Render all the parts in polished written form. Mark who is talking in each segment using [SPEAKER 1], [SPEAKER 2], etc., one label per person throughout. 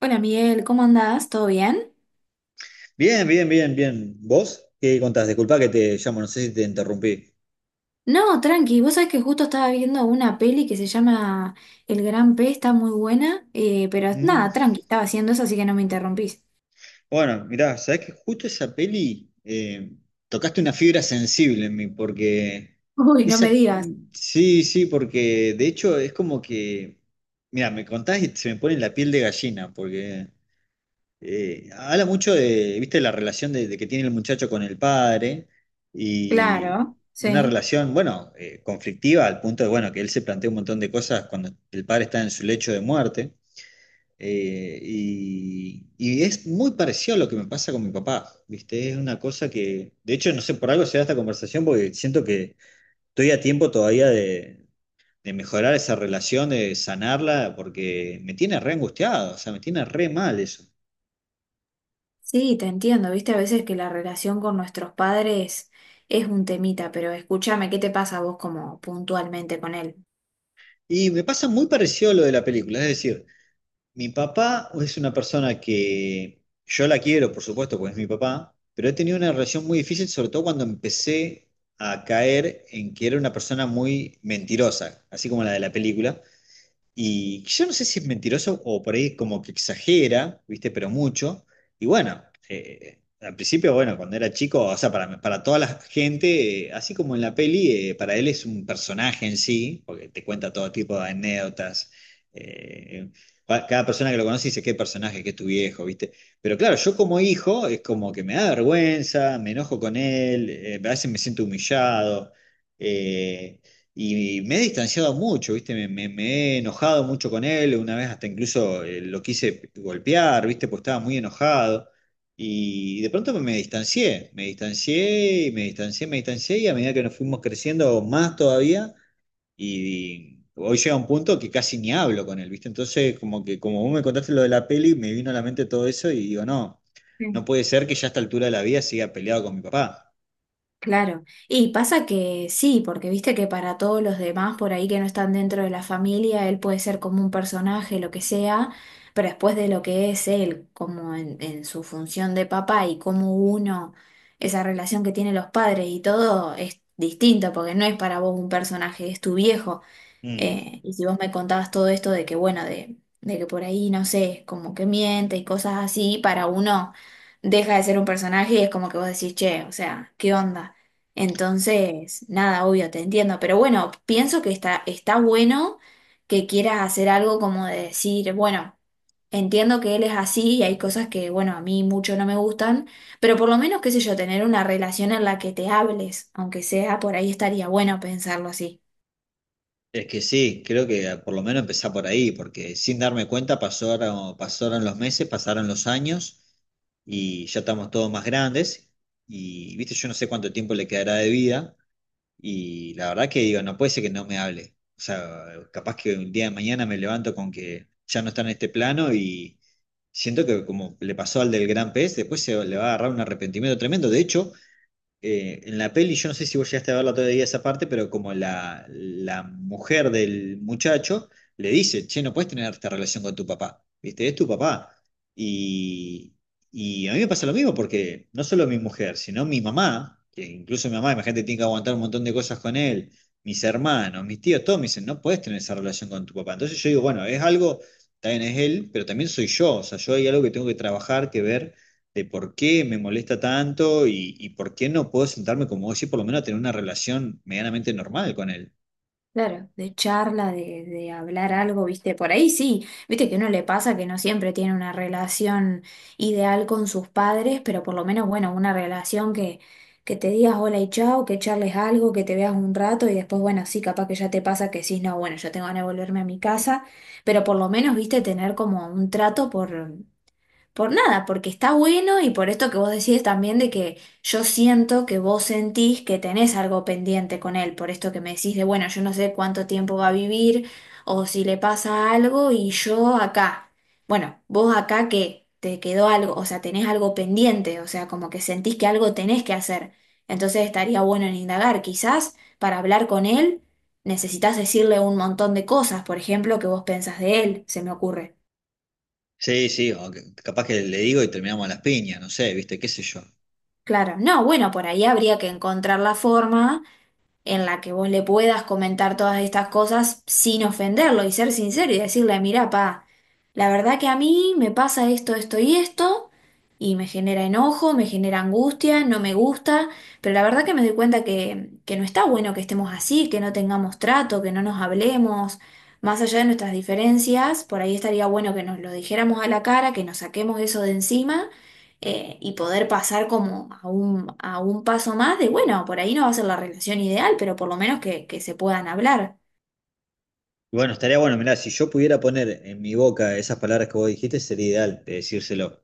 [SPEAKER 1] Hola Miguel, ¿cómo andás? ¿Todo bien?
[SPEAKER 2] Bien, bien, bien, bien. ¿Vos qué contás? Disculpa que te llamo, no sé si te interrumpí.
[SPEAKER 1] No, tranqui, vos sabés que justo estaba viendo una peli que se llama El Gran P, está muy buena, pero
[SPEAKER 2] Mm.
[SPEAKER 1] nada, tranqui, estaba haciendo eso, así que no me interrumpís.
[SPEAKER 2] Bueno, mirá, sabés que justo esa peli tocaste una fibra sensible en mí, porque
[SPEAKER 1] Uy, no me
[SPEAKER 2] esa,
[SPEAKER 1] digas.
[SPEAKER 2] sí, sí, porque de hecho es como que, mirá, me contás y se me pone la piel de gallina, porque habla mucho de, viste, la relación de que tiene el muchacho con el padre y
[SPEAKER 1] Claro,
[SPEAKER 2] una
[SPEAKER 1] sí.
[SPEAKER 2] relación, bueno, conflictiva al punto de, bueno, que él se plantea un montón de cosas cuando el padre está en su lecho de muerte. Y es muy parecido a lo que me pasa con mi papá, viste, es una cosa que, de hecho, no sé, por algo se da esta conversación porque siento que estoy a tiempo todavía de mejorar esa relación, de sanarla, porque me tiene re angustiado, o sea, me tiene re mal eso.
[SPEAKER 1] Sí, te entiendo, viste, a veces que la relación con nuestros padres es un temita, pero escúchame, ¿qué te pasa a vos como puntualmente con él?
[SPEAKER 2] Y me pasa muy parecido a lo de la película, es decir, mi papá es una persona que yo la quiero, por supuesto, porque es mi papá, pero he tenido una relación muy difícil, sobre todo cuando empecé a caer en que era una persona muy mentirosa, así como la de la película. Y yo no sé si es mentiroso o por ahí como que exagera, ¿viste? Pero mucho. Y bueno, al principio, bueno, cuando era chico, o sea, para toda la gente, así como en la peli, para él es un personaje en sí, porque te cuenta todo tipo de anécdotas. eh, Cada persona que lo conoce dice, qué personaje, qué es tu viejo, ¿viste? Pero claro, yo como hijo es como que me da vergüenza, me enojo con él, a veces me siento humillado. eh, y me he distanciado mucho, ¿viste? Me he enojado mucho con él, una vez hasta incluso lo quise golpear, ¿viste? Pues estaba muy enojado. Y de pronto me distancié, y a medida que nos fuimos creciendo más todavía, y hoy llega un punto que casi ni hablo con él, ¿viste? Entonces, como que como vos me contaste lo de la peli, me vino a la mente todo eso y digo, no, no puede ser que ya a esta altura de la vida siga peleado con mi papá.
[SPEAKER 1] Claro, y pasa que sí, porque viste que para todos los demás por ahí que no están dentro de la familia, él puede ser como un personaje, lo que sea, pero después de lo que es él, como en su función de papá y como uno, esa relación que tienen los padres y todo es distinto, porque no es para vos un personaje, es tu viejo.
[SPEAKER 2] Mm.
[SPEAKER 1] Y si vos me contabas todo esto de que, bueno, de que por ahí, no sé, como que miente y cosas así, para uno deja de ser un personaje y es como que vos decís, che, o sea, ¿qué onda? Entonces, nada, obvio, te entiendo, pero bueno, pienso que está bueno que quieras hacer algo como de decir, bueno, entiendo que él es así y hay cosas que, bueno, a mí mucho no me gustan, pero por lo menos, qué sé yo, tener una relación en la que te hables, aunque sea por ahí estaría bueno pensarlo así.
[SPEAKER 2] Es que sí, creo que por lo menos empezar por ahí, porque sin darme cuenta pasaron, pasaron los meses, pasaron los años y ya estamos todos más grandes y, viste, yo no sé cuánto tiempo le quedará de vida y la verdad que digo, no puede ser que no me hable. O sea, capaz que un día de mañana me levanto con que ya no está en este plano y siento que como le pasó al del gran pez, después se le va a agarrar un arrepentimiento tremendo. De hecho, en la peli, yo no sé si vos llegaste a verla todavía esa parte, pero como la mujer del muchacho le dice, che, no puedes tener esta relación con tu papá, ¿viste? Es tu papá. Y, y a mí me pasa lo mismo porque no solo mi mujer, sino mi mamá, que incluso mi mamá, imagínate, tiene que aguantar un montón de cosas con él, mis hermanos, mis tíos, todos me dicen, no puedes tener esa relación con tu papá. Entonces yo digo, bueno, es algo, también es él, pero también soy yo, o sea, yo hay algo que tengo que trabajar, que ver de por qué me molesta tanto y por qué no puedo sentarme como vos y por lo menos tener una relación medianamente normal con él.
[SPEAKER 1] Claro, de charla, de hablar algo, viste, por ahí sí, viste que no le pasa que no siempre tiene una relación ideal con sus padres, pero por lo menos, bueno, una relación que te digas hola y chao, que charles algo, que te veas un rato y después, bueno, sí, capaz que ya te pasa que sí, no, bueno, yo tengo ganas de volverme a mi casa, pero por lo menos, viste, tener como un trato por nada, porque está bueno y por esto que vos decís también de que yo siento que vos sentís que tenés algo pendiente con él, por esto que me decís de, bueno, yo no sé cuánto tiempo va a vivir o si le pasa algo y yo acá. Bueno, vos acá que te quedó algo, o sea, tenés algo pendiente, o sea, como que sentís que algo tenés que hacer. Entonces estaría bueno en indagar, quizás para hablar con él necesitas decirle un montón de cosas, por ejemplo, que vos pensás de él, se me ocurre.
[SPEAKER 2] Sí, sí, capaz que le digo y terminamos a las piñas, no sé, viste, qué sé yo.
[SPEAKER 1] Claro, no, bueno, por ahí habría que encontrar la forma en la que vos le puedas comentar todas estas cosas sin ofenderlo y ser sincero y decirle, mira, pa, la verdad que a mí me pasa esto, esto y esto, y me genera enojo, me genera angustia, no me gusta, pero la verdad que me doy cuenta que no está bueno que estemos así, que no tengamos trato, que no nos hablemos, más allá de nuestras diferencias, por ahí estaría bueno que nos lo dijéramos a la cara, que nos saquemos eso de encima, y poder pasar como a un paso más de, bueno, por ahí no va a ser la relación ideal, pero por lo menos que se puedan hablar.
[SPEAKER 2] Y bueno, estaría bueno, mirá, si yo pudiera poner en mi boca esas palabras que vos dijiste, sería ideal de decírselo.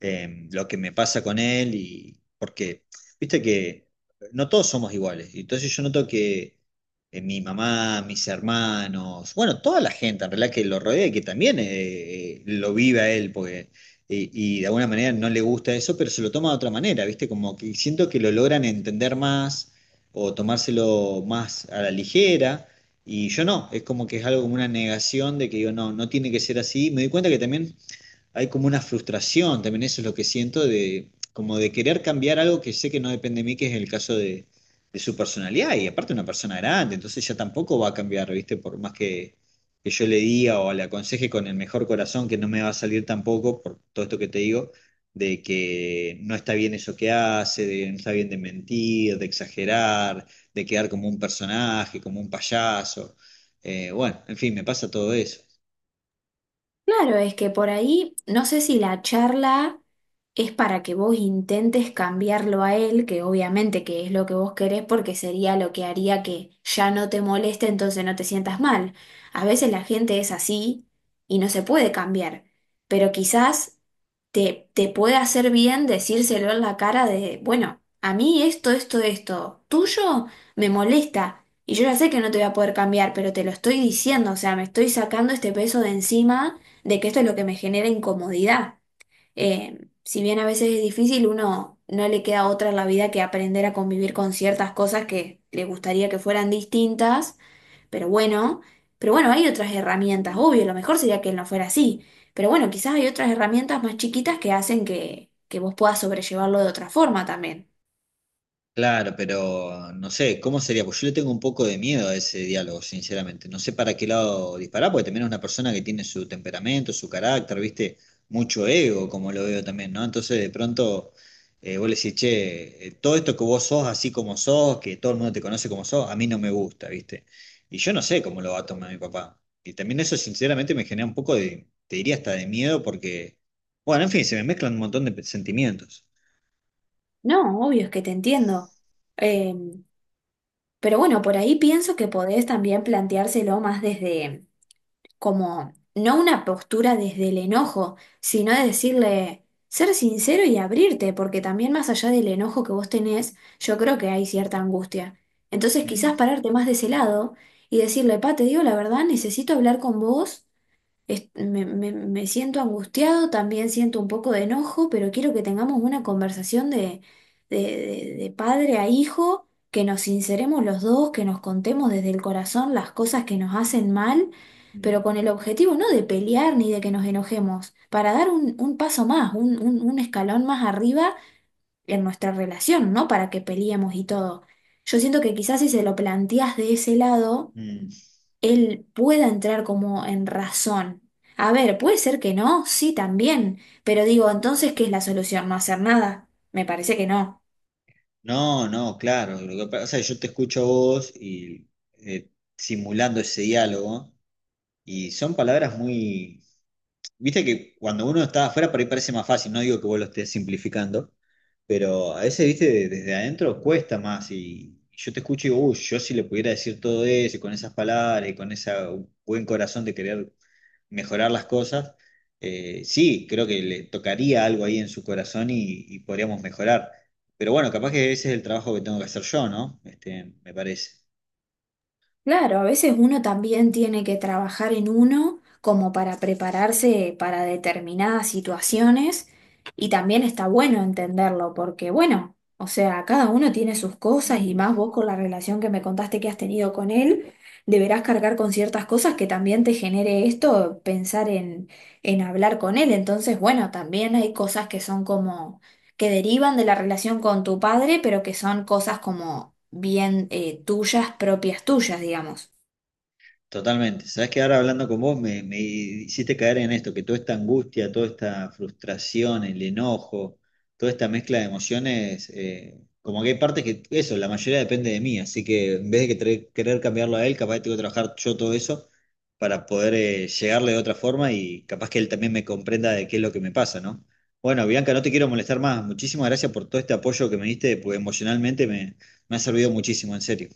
[SPEAKER 2] Eh, lo que me pasa con él y porque, viste que no todos somos iguales. Y entonces yo noto que mi mamá, mis hermanos, bueno, toda la gente en realidad que lo rodea y que también lo vive a él, porque, y de alguna manera no le gusta eso, pero se lo toma de otra manera, viste, como que siento que lo logran entender más o tomárselo más a la ligera. Y yo no, es como que es algo como una negación de que digo, no, no tiene que ser así. Me doy cuenta que también hay como una frustración, también eso es lo que siento, de como de querer cambiar algo que sé que no depende de mí, que es el caso de su personalidad, y aparte una persona grande, entonces ya tampoco va a cambiar, ¿viste? Por más que yo le diga o le aconseje con el mejor corazón, que no me va a salir tampoco, por todo esto que te digo, de que no está bien eso que hace, de no está bien de mentir, de exagerar, de quedar como un personaje, como un payaso. Bueno, en fin, me pasa todo eso.
[SPEAKER 1] Claro, es que por ahí, no sé si la charla es para que vos intentes cambiarlo a él, que obviamente que es lo que vos querés, porque sería lo que haría que ya no te moleste, entonces no te sientas mal. A veces la gente es así y no se puede cambiar, pero quizás te puede hacer bien decírselo en la cara de, bueno, a mí esto, esto, esto, tuyo me molesta. Y yo ya sé que no te voy a poder cambiar, pero te lo estoy diciendo, o sea, me estoy sacando este peso de encima de que esto es lo que me genera incomodidad. Si bien a veces es difícil, uno no le queda otra en la vida que aprender a convivir con ciertas cosas que le gustaría que fueran distintas, pero bueno, pero bueno, hay otras herramientas, obvio, lo mejor sería que no fuera así, pero bueno, quizás hay otras herramientas más chiquitas que hacen que vos puedas sobrellevarlo de otra forma también.
[SPEAKER 2] Claro, pero no sé, ¿cómo sería? Pues yo le tengo un poco de miedo a ese diálogo, sinceramente. No sé para qué lado disparar, porque también es una persona que tiene su temperamento, su carácter, ¿viste? Mucho ego, como lo veo también, ¿no? Entonces, de pronto, vos le decís, che, todo esto que vos sos así como sos, que todo el mundo te conoce como sos, a mí no me gusta, ¿viste? Y yo no sé cómo lo va a tomar mi papá. Y también eso, sinceramente, me genera un poco de, te diría hasta de miedo, porque, bueno, en fin, se me mezclan un montón de sentimientos.
[SPEAKER 1] No, obvio, es que te entiendo. Eh, pero bueno, por ahí pienso que podés también planteárselo más desde como no una postura desde el enojo, sino de decirle, ser sincero y abrirte, porque también más allá del enojo que vos tenés, yo creo que hay cierta angustia. Entonces
[SPEAKER 2] Mm,
[SPEAKER 1] quizás pararte más de ese lado y decirle, pa, te digo la verdad, necesito hablar con vos. Me siento angustiado, también siento un poco de enojo, pero quiero que tengamos una conversación de, de padre a hijo, que nos sinceremos los dos, que nos contemos desde el corazón las cosas que nos hacen mal, pero
[SPEAKER 2] mm,
[SPEAKER 1] con el objetivo no de pelear ni de que nos enojemos, para dar un paso más, un, un escalón más arriba en nuestra relación, no para que peleemos y todo. Yo siento que quizás si se lo planteas de ese lado
[SPEAKER 2] mm.
[SPEAKER 1] él pueda entrar como en razón. A ver, puede ser que no, sí, también, pero digo, entonces, ¿qué es la solución? ¿No hacer nada? Me parece que no.
[SPEAKER 2] No, no, claro. Lo que pasa es que yo te escucho a vos y eh, simulando ese diálogo, y son palabras muy. Viste que cuando uno está afuera por ahí parece más fácil, no digo que vos lo estés simplificando, pero a veces, viste, desde adentro cuesta más. Y yo te escucho y digo, uy, yo si le pudiera decir todo eso, y con esas palabras, y con ese buen corazón de querer mejorar las cosas. Sí, creo que le tocaría algo ahí en su corazón y podríamos mejorar. Pero bueno, capaz que ese es el trabajo que tengo que hacer yo, ¿no? Este, me parece.
[SPEAKER 1] Claro, a veces uno también tiene que trabajar en uno como para prepararse para determinadas situaciones y también está bueno entenderlo porque bueno, o sea, cada uno tiene sus cosas y más vos con la relación que me contaste que has tenido con él, deberás cargar con ciertas cosas que también te genere esto, pensar en hablar con él. Entonces, bueno, también hay cosas que son como que derivan de la relación con tu padre, pero que son cosas como bien tuyas, propias tuyas, digamos.
[SPEAKER 2] Totalmente. Sabes que ahora hablando con vos me hiciste caer en esto, que toda esta angustia, toda esta frustración, el enojo, toda esta mezcla de emociones, como que hay partes que eso, la mayoría depende de mí, así que en vez de que querer cambiarlo a él, capaz tengo que trabajar yo todo eso para poder llegarle de otra forma y capaz que él también me comprenda de qué es lo que me pasa, ¿no? Bueno, Bianca, no te quiero molestar más. Muchísimas gracias por todo este apoyo que me diste, porque emocionalmente me ha servido muchísimo, en serio.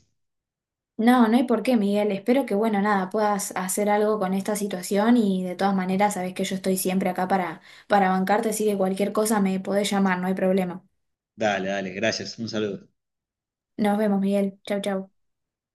[SPEAKER 1] No, no hay por qué, Miguel. Espero que, bueno, nada, puedas hacer algo con esta situación y de todas maneras sabes que yo estoy siempre acá para bancarte, así que cualquier cosa me podés llamar, no hay problema.
[SPEAKER 2] Dale, dale, gracias. Un saludo.
[SPEAKER 1] Nos vemos, Miguel. Chau, chau.